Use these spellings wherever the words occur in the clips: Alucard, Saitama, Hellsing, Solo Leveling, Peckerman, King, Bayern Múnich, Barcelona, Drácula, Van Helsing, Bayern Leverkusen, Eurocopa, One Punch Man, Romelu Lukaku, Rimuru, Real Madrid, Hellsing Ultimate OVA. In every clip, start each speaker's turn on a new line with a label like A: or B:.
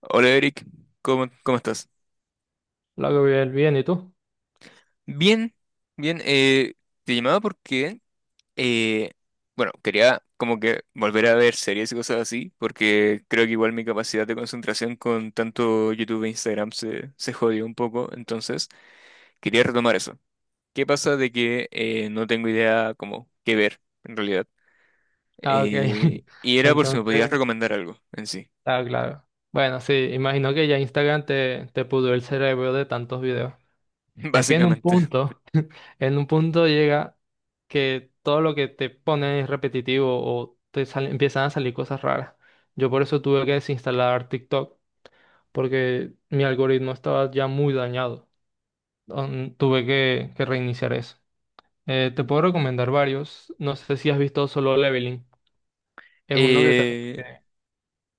A: Hola Eric, ¿cómo estás?
B: Lo hago bien, bien, ¿y tú?
A: Bien, bien. Te llamaba porque, eh, bueno, quería como que volver a ver series y cosas así, porque creo que igual mi capacidad de concentración con tanto YouTube e Instagram se jodió un poco, entonces quería retomar eso. ¿Qué pasa de que no tengo idea como qué ver en realidad?
B: Ah, ok.
A: Y era por si me podías
B: Entonces,
A: recomendar algo en sí,
B: claro. Bueno, sí, imagino que ya Instagram te pudrió el cerebro de tantos videos. Es que
A: básicamente.
B: en un punto llega que todo lo que te ponen es repetitivo o empiezan a salir cosas raras. Yo por eso tuve que desinstalar TikTok, porque mi algoritmo estaba ya muy dañado. Tuve que reiniciar eso. Te puedo recomendar varios. No sé si has visto Solo Leveling. Es uno que te...
A: Eh,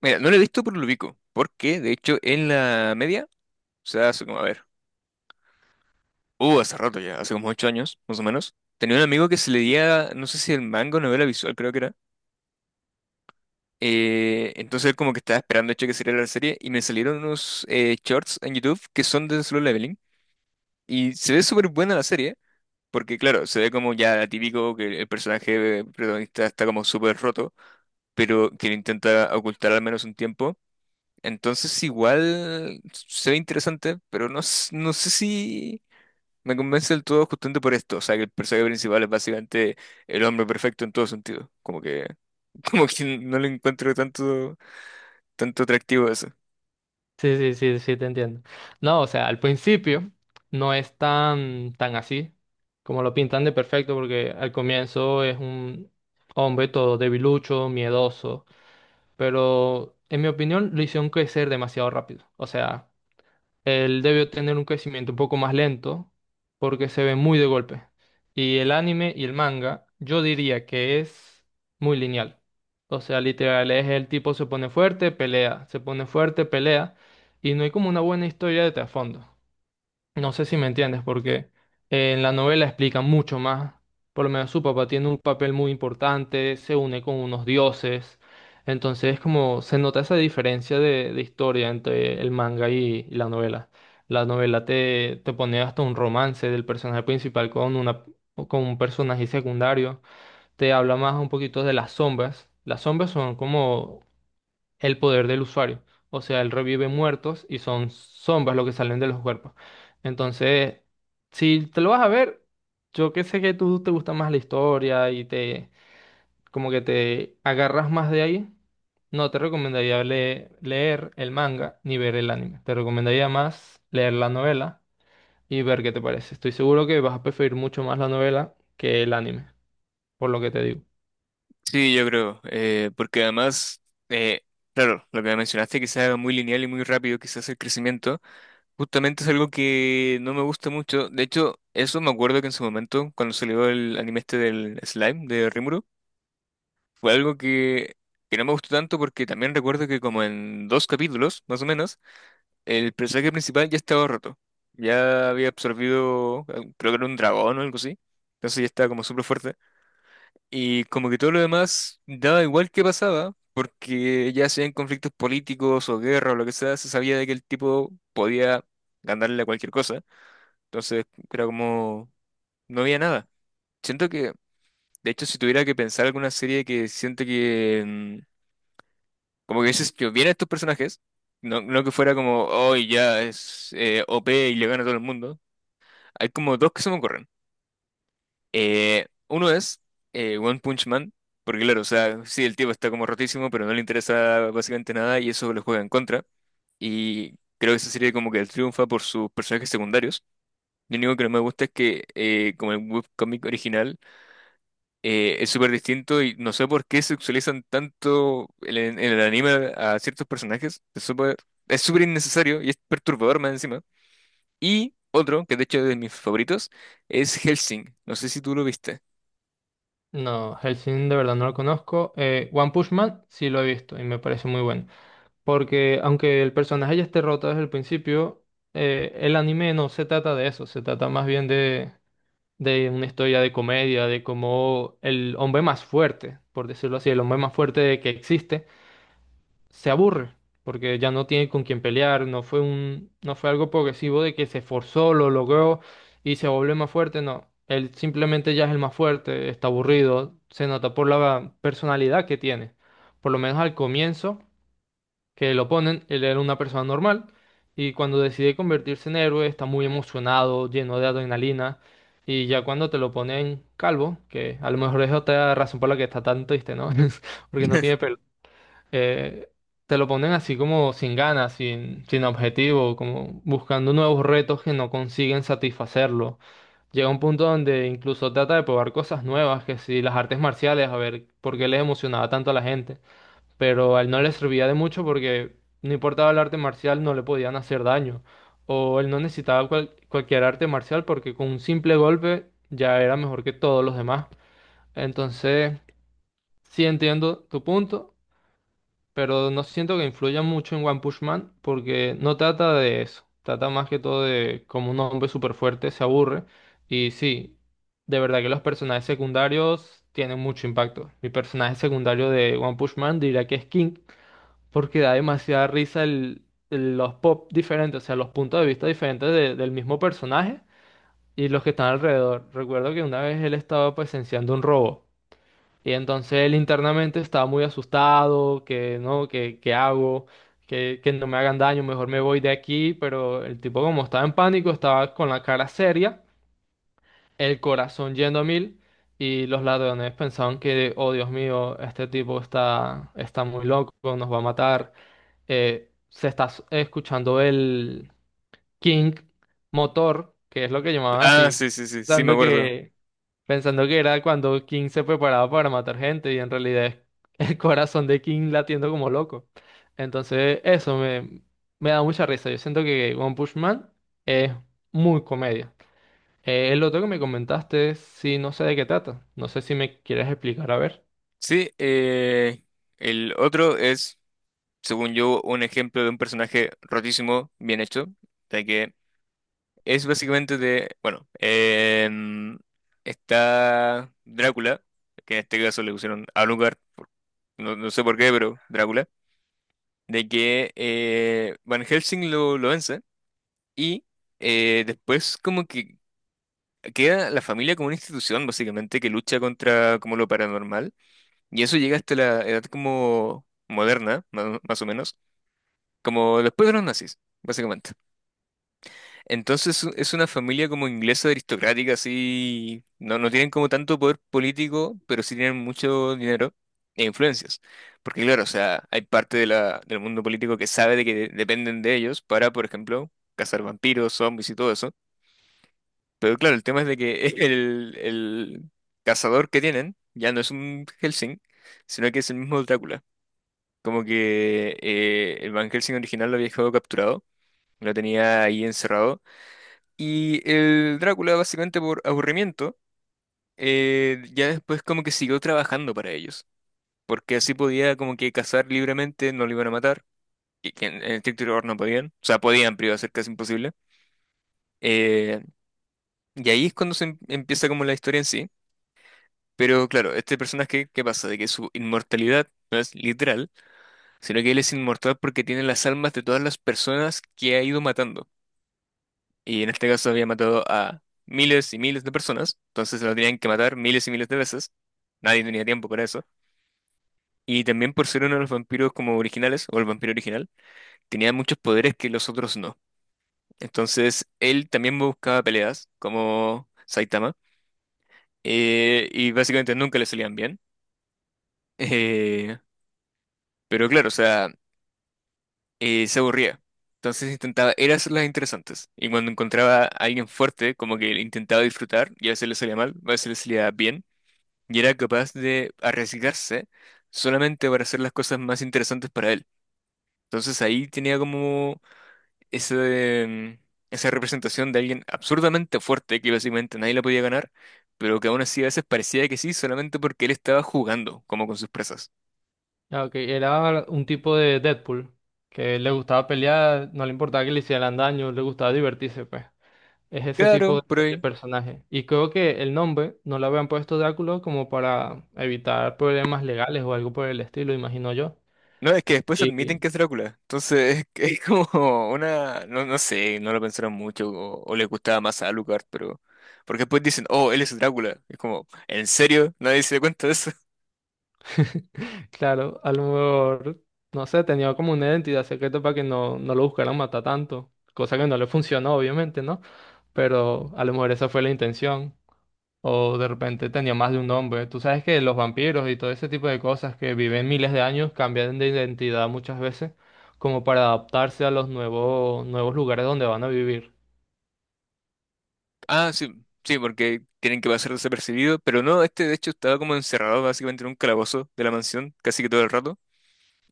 A: Mira, no lo he visto por lo ubico, porque de hecho en la media. O sea, hace como, a ver, hace rato ya, hace como 8 años, más o menos. Tenía un amigo que se leía, no sé si el manga o novela visual, creo que era. Entonces él como que estaba esperando, de hecho, que saliera la serie y me salieron unos shorts en YouTube que son de Solo Leveling. Y se ve súper buena la serie, porque claro, se ve como ya típico que el personaje protagonista está como súper roto, pero que lo intenta ocultar al menos un tiempo. Entonces igual se ve interesante, pero no, no sé si... Me convence del todo justamente por esto, o sea, que el personaje principal es básicamente el hombre perfecto en todo sentido. Como que, como que no le encuentro tanto, tanto atractivo a eso.
B: Sí, sí, sí, sí, te entiendo. No, o sea, al principio no es tan así como lo pintan de perfecto, porque al comienzo es un hombre todo debilucho, miedoso, pero en mi opinión lo hicieron crecer demasiado rápido. O sea, él debió tener un crecimiento un poco más lento porque se ve muy de golpe. Y el anime y el manga, yo diría que es muy lineal. O sea, literal, es el tipo se pone fuerte, pelea, se pone fuerte, pelea, y no hay como una buena historia de trasfondo. No sé si me entiendes, porque en la novela explica mucho más. Por lo menos su papá tiene un papel muy importante, se une con unos dioses. Entonces, como se nota esa diferencia de historia entre el manga y la novela. La novela te pone hasta un romance del personaje principal con una, con un personaje secundario. Te habla más un poquito de las sombras. Las sombras son como el poder del usuario. O sea, él revive muertos y son sombras lo que salen de los cuerpos. Entonces, si te lo vas a ver, yo que sé que tú te gusta más la historia y te como que te agarras más de ahí, no te recomendaría leer el manga ni ver el anime. Te recomendaría más leer la novela y ver qué te parece. Estoy seguro que vas a preferir mucho más la novela que el anime, por lo que te digo.
A: Sí, yo creo, porque además, eh, claro, lo que mencionaste, que sea muy lineal y muy rápido, quizás el crecimiento, justamente es algo que no me gusta mucho. De hecho, eso me acuerdo que en su momento, cuando salió el anime este del Slime de Rimuru, fue algo que no me gustó tanto porque también recuerdo que como en dos capítulos, más o menos. El personaje principal ya estaba roto. Ya había absorbido, creo que era un dragón o algo así. Entonces ya estaba como súper fuerte. Y como que todo lo demás daba igual que pasaba, porque ya sean conflictos políticos o guerra o lo que sea, se sabía de que el tipo podía ganarle a cualquier cosa. Entonces era como, no había nada. Siento que, de hecho, si tuviera que pensar alguna serie que siento que como que dices, yo bien a estos personajes, no, no que fuera como, oh, ya es OP y le gana a todo el mundo. Hay como dos que se me ocurren. Uno es One Punch Man, porque claro, o sea, sí, el tipo está como rotísimo, pero no le interesa básicamente nada y eso lo juega en contra. Y creo que esa serie como que triunfa por sus personajes secundarios. Lo único que no me gusta es que como el webcomic original es súper distinto y no sé por qué sexualizan tanto en el anime a ciertos personajes. Es súper innecesario y es perturbador más encima. Y otro, que de hecho es de mis favoritos, es Helsing. No sé si tú lo viste.
B: No, Hellsing de verdad no lo conozco. One Punch Man sí lo he visto y me parece muy bueno. Porque aunque el personaje ya esté roto desde el principio, el anime no se trata de eso, se trata más bien de una historia de comedia, de cómo el hombre más fuerte, por decirlo así, el hombre más fuerte que existe, se aburre, porque ya no tiene con quién pelear, no fue un, no fue algo progresivo de que se forzó, lo logró y se volvió más fuerte, no. Él simplemente ya es el más fuerte, está aburrido, se nota por la personalidad que tiene. Por lo menos al comienzo que lo ponen, él era una persona normal y cuando decide convertirse en héroe está muy emocionado, lleno de adrenalina y ya cuando te lo ponen calvo, que a lo mejor es otra razón por la que está tan triste, ¿no? Porque no tiene pelo. eh, Te lo ponen así como sin ganas, sin, sin objetivo, como buscando nuevos retos que no consiguen satisfacerlo. Llega un punto donde incluso trata de probar cosas nuevas, que si las artes marciales, a ver por qué les emocionaba tanto a la gente pero a él no le servía de mucho porque no importaba el arte marcial, no le podían hacer daño. O él no necesitaba cualquier arte marcial porque con un simple golpe ya era mejor que todos los demás. Entonces, sí entiendo tu punto, pero no siento que influya mucho en One Punch Man porque no trata de eso. Trata más que todo de cómo un hombre súper fuerte se aburre. Y sí, de verdad que los personajes secundarios tienen mucho impacto. Mi personaje secundario de One Punch Man diría que es King, porque da demasiada risa los pop diferentes, o sea, los puntos de vista diferentes del mismo personaje y los que están alrededor. Recuerdo que una vez él estaba presenciando un robo y entonces él internamente estaba muy asustado, que no, que hago, que no me hagan daño, mejor me voy de aquí, pero el tipo como estaba en pánico, estaba con la cara seria, el corazón yendo a mil. Y los ladrones pensaban que, oh Dios mío, este tipo está muy loco, nos va a matar. Se está escuchando el King Motor, que es lo que llamaban
A: Ah,
B: así,
A: sí, sí, sí, sí, me
B: pensando
A: acuerdo.
B: que, pensando que era cuando King se preparaba para matar gente y en realidad es el corazón de King latiendo como loco. Entonces me da mucha risa. Yo siento que One Punch Man es muy comedia. El otro que me comentaste, sí, no sé de qué trata. No sé si me quieres explicar, a ver.
A: Sí, el otro es, según yo, un ejemplo de un personaje rotísimo, bien hecho, de que es básicamente de, bueno, está Drácula, que en este caso le pusieron a lugar no, no sé por qué, pero Drácula, de que Van Helsing lo vence y después como que queda la familia como una institución básicamente que lucha contra como lo paranormal y eso llega hasta la edad como moderna, más o menos, como después de los nazis, básicamente. Entonces es una familia como inglesa aristocrática, así. No, no tienen como tanto poder político, pero sí tienen mucho dinero e influencias. Porque claro, o sea, hay parte de del mundo político que sabe de que dependen de ellos para, por ejemplo, cazar vampiros, zombies y todo eso. Pero claro, el tema es de que el cazador que tienen ya no es un Helsing, sino que es el mismo Drácula. Como que el Van Helsing original lo había dejado capturado, lo tenía ahí encerrado y el Drácula, básicamente por aburrimiento, ya después como que siguió trabajando para ellos, porque así podía como que cazar libremente, no lo iban a matar, y que en estricto rigor no podían, o sea, podían, pero iba a ser casi imposible. Eh, y ahí es cuando se empieza como la historia en sí, pero claro, este personaje, ¿qué pasa? De que su inmortalidad no es literal, sino que él es inmortal porque tiene las almas de todas las personas que ha ido matando. Y en este caso había matado a miles y miles de personas, entonces lo tenían que matar miles y miles de veces. Nadie tenía tiempo para eso. Y también por ser uno de los vampiros como originales, o el vampiro original, tenía muchos poderes que los otros no. Entonces él también buscaba peleas, como Saitama, y básicamente nunca le salían bien. Eh, pero claro, o sea, se aburría. Entonces intentaba, era hacerlas interesantes. Y cuando encontraba a alguien fuerte, como que intentaba disfrutar, y a veces le salía mal, a veces le salía bien y era capaz de arriesgarse solamente para hacer las cosas más interesantes para él. Entonces ahí tenía como ese, esa representación de alguien absurdamente fuerte que básicamente nadie la podía ganar, pero que aún así a veces parecía que sí solamente porque él estaba jugando como con sus presas.
B: Ah, ok, era un tipo de Deadpool que le gustaba pelear, no le importaba que le hicieran daño, le gustaba divertirse, pues. Es ese
A: Claro,
B: tipo
A: por
B: de
A: ahí.
B: personaje. Y creo que el nombre no lo habían puesto Drácula como para evitar problemas legales o algo por el estilo, imagino yo.
A: No, es que después admiten
B: Y
A: que es Drácula. Entonces es, que es como una... No, no sé, no lo pensaron mucho o le gustaba más a Alucard, pero... Porque después dicen, oh, él es Drácula. Es como, ¿en serio? Nadie se da cuenta de eso.
B: claro, a lo mejor, no sé, tenía como una identidad secreta para que no lo buscaran matar tanto. Cosa que no le funcionó, obviamente, ¿no? Pero a lo mejor esa fue la intención. O de repente tenía más de un nombre. Tú sabes que los vampiros y todo ese tipo de cosas que viven miles de años cambian de identidad muchas veces como para adaptarse a los nuevos, nuevos lugares donde van a vivir.
A: Ah, sí, sí, porque tienen que pasar desapercibido, pero no, este de hecho estaba como encerrado básicamente en un calabozo de la mansión casi que todo el rato.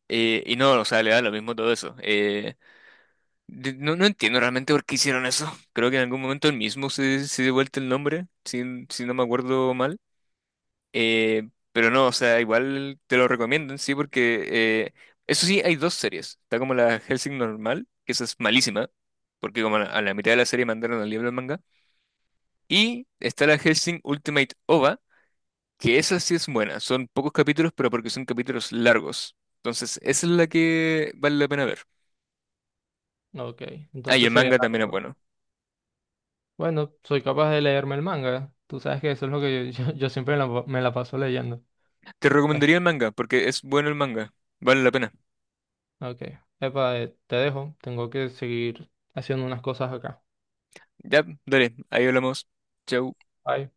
A: Y no, o sea, le da lo mismo todo eso. No, no entiendo realmente por qué hicieron eso. Creo que en algún momento él mismo se dio vuelta el nombre, si no me acuerdo mal. Pero no, o sea, igual te lo recomiendo, en sí, porque eh, eso sí, hay dos series. Está como la Hellsing normal, que esa es malísima, porque como a la mitad de la serie mandaron al libro del manga. Y está la Hellsing Ultimate OVA, que esa sí es buena. Son pocos capítulos, pero porque son capítulos largos. Entonces, esa es la que vale la pena ver.
B: Ok,
A: Ah, y el
B: entonces sería
A: manga también es
B: raro.
A: bueno.
B: Bueno, soy capaz de leerme el manga. Tú sabes que eso es lo que yo, yo siempre me la paso leyendo.
A: Te
B: Es-
A: recomendaría el manga, porque es bueno el manga. Vale la pena.
B: Ok, epa, te dejo. Tengo que seguir haciendo unas cosas acá.
A: Ya, dale, ahí hablamos. Chau.
B: Bye.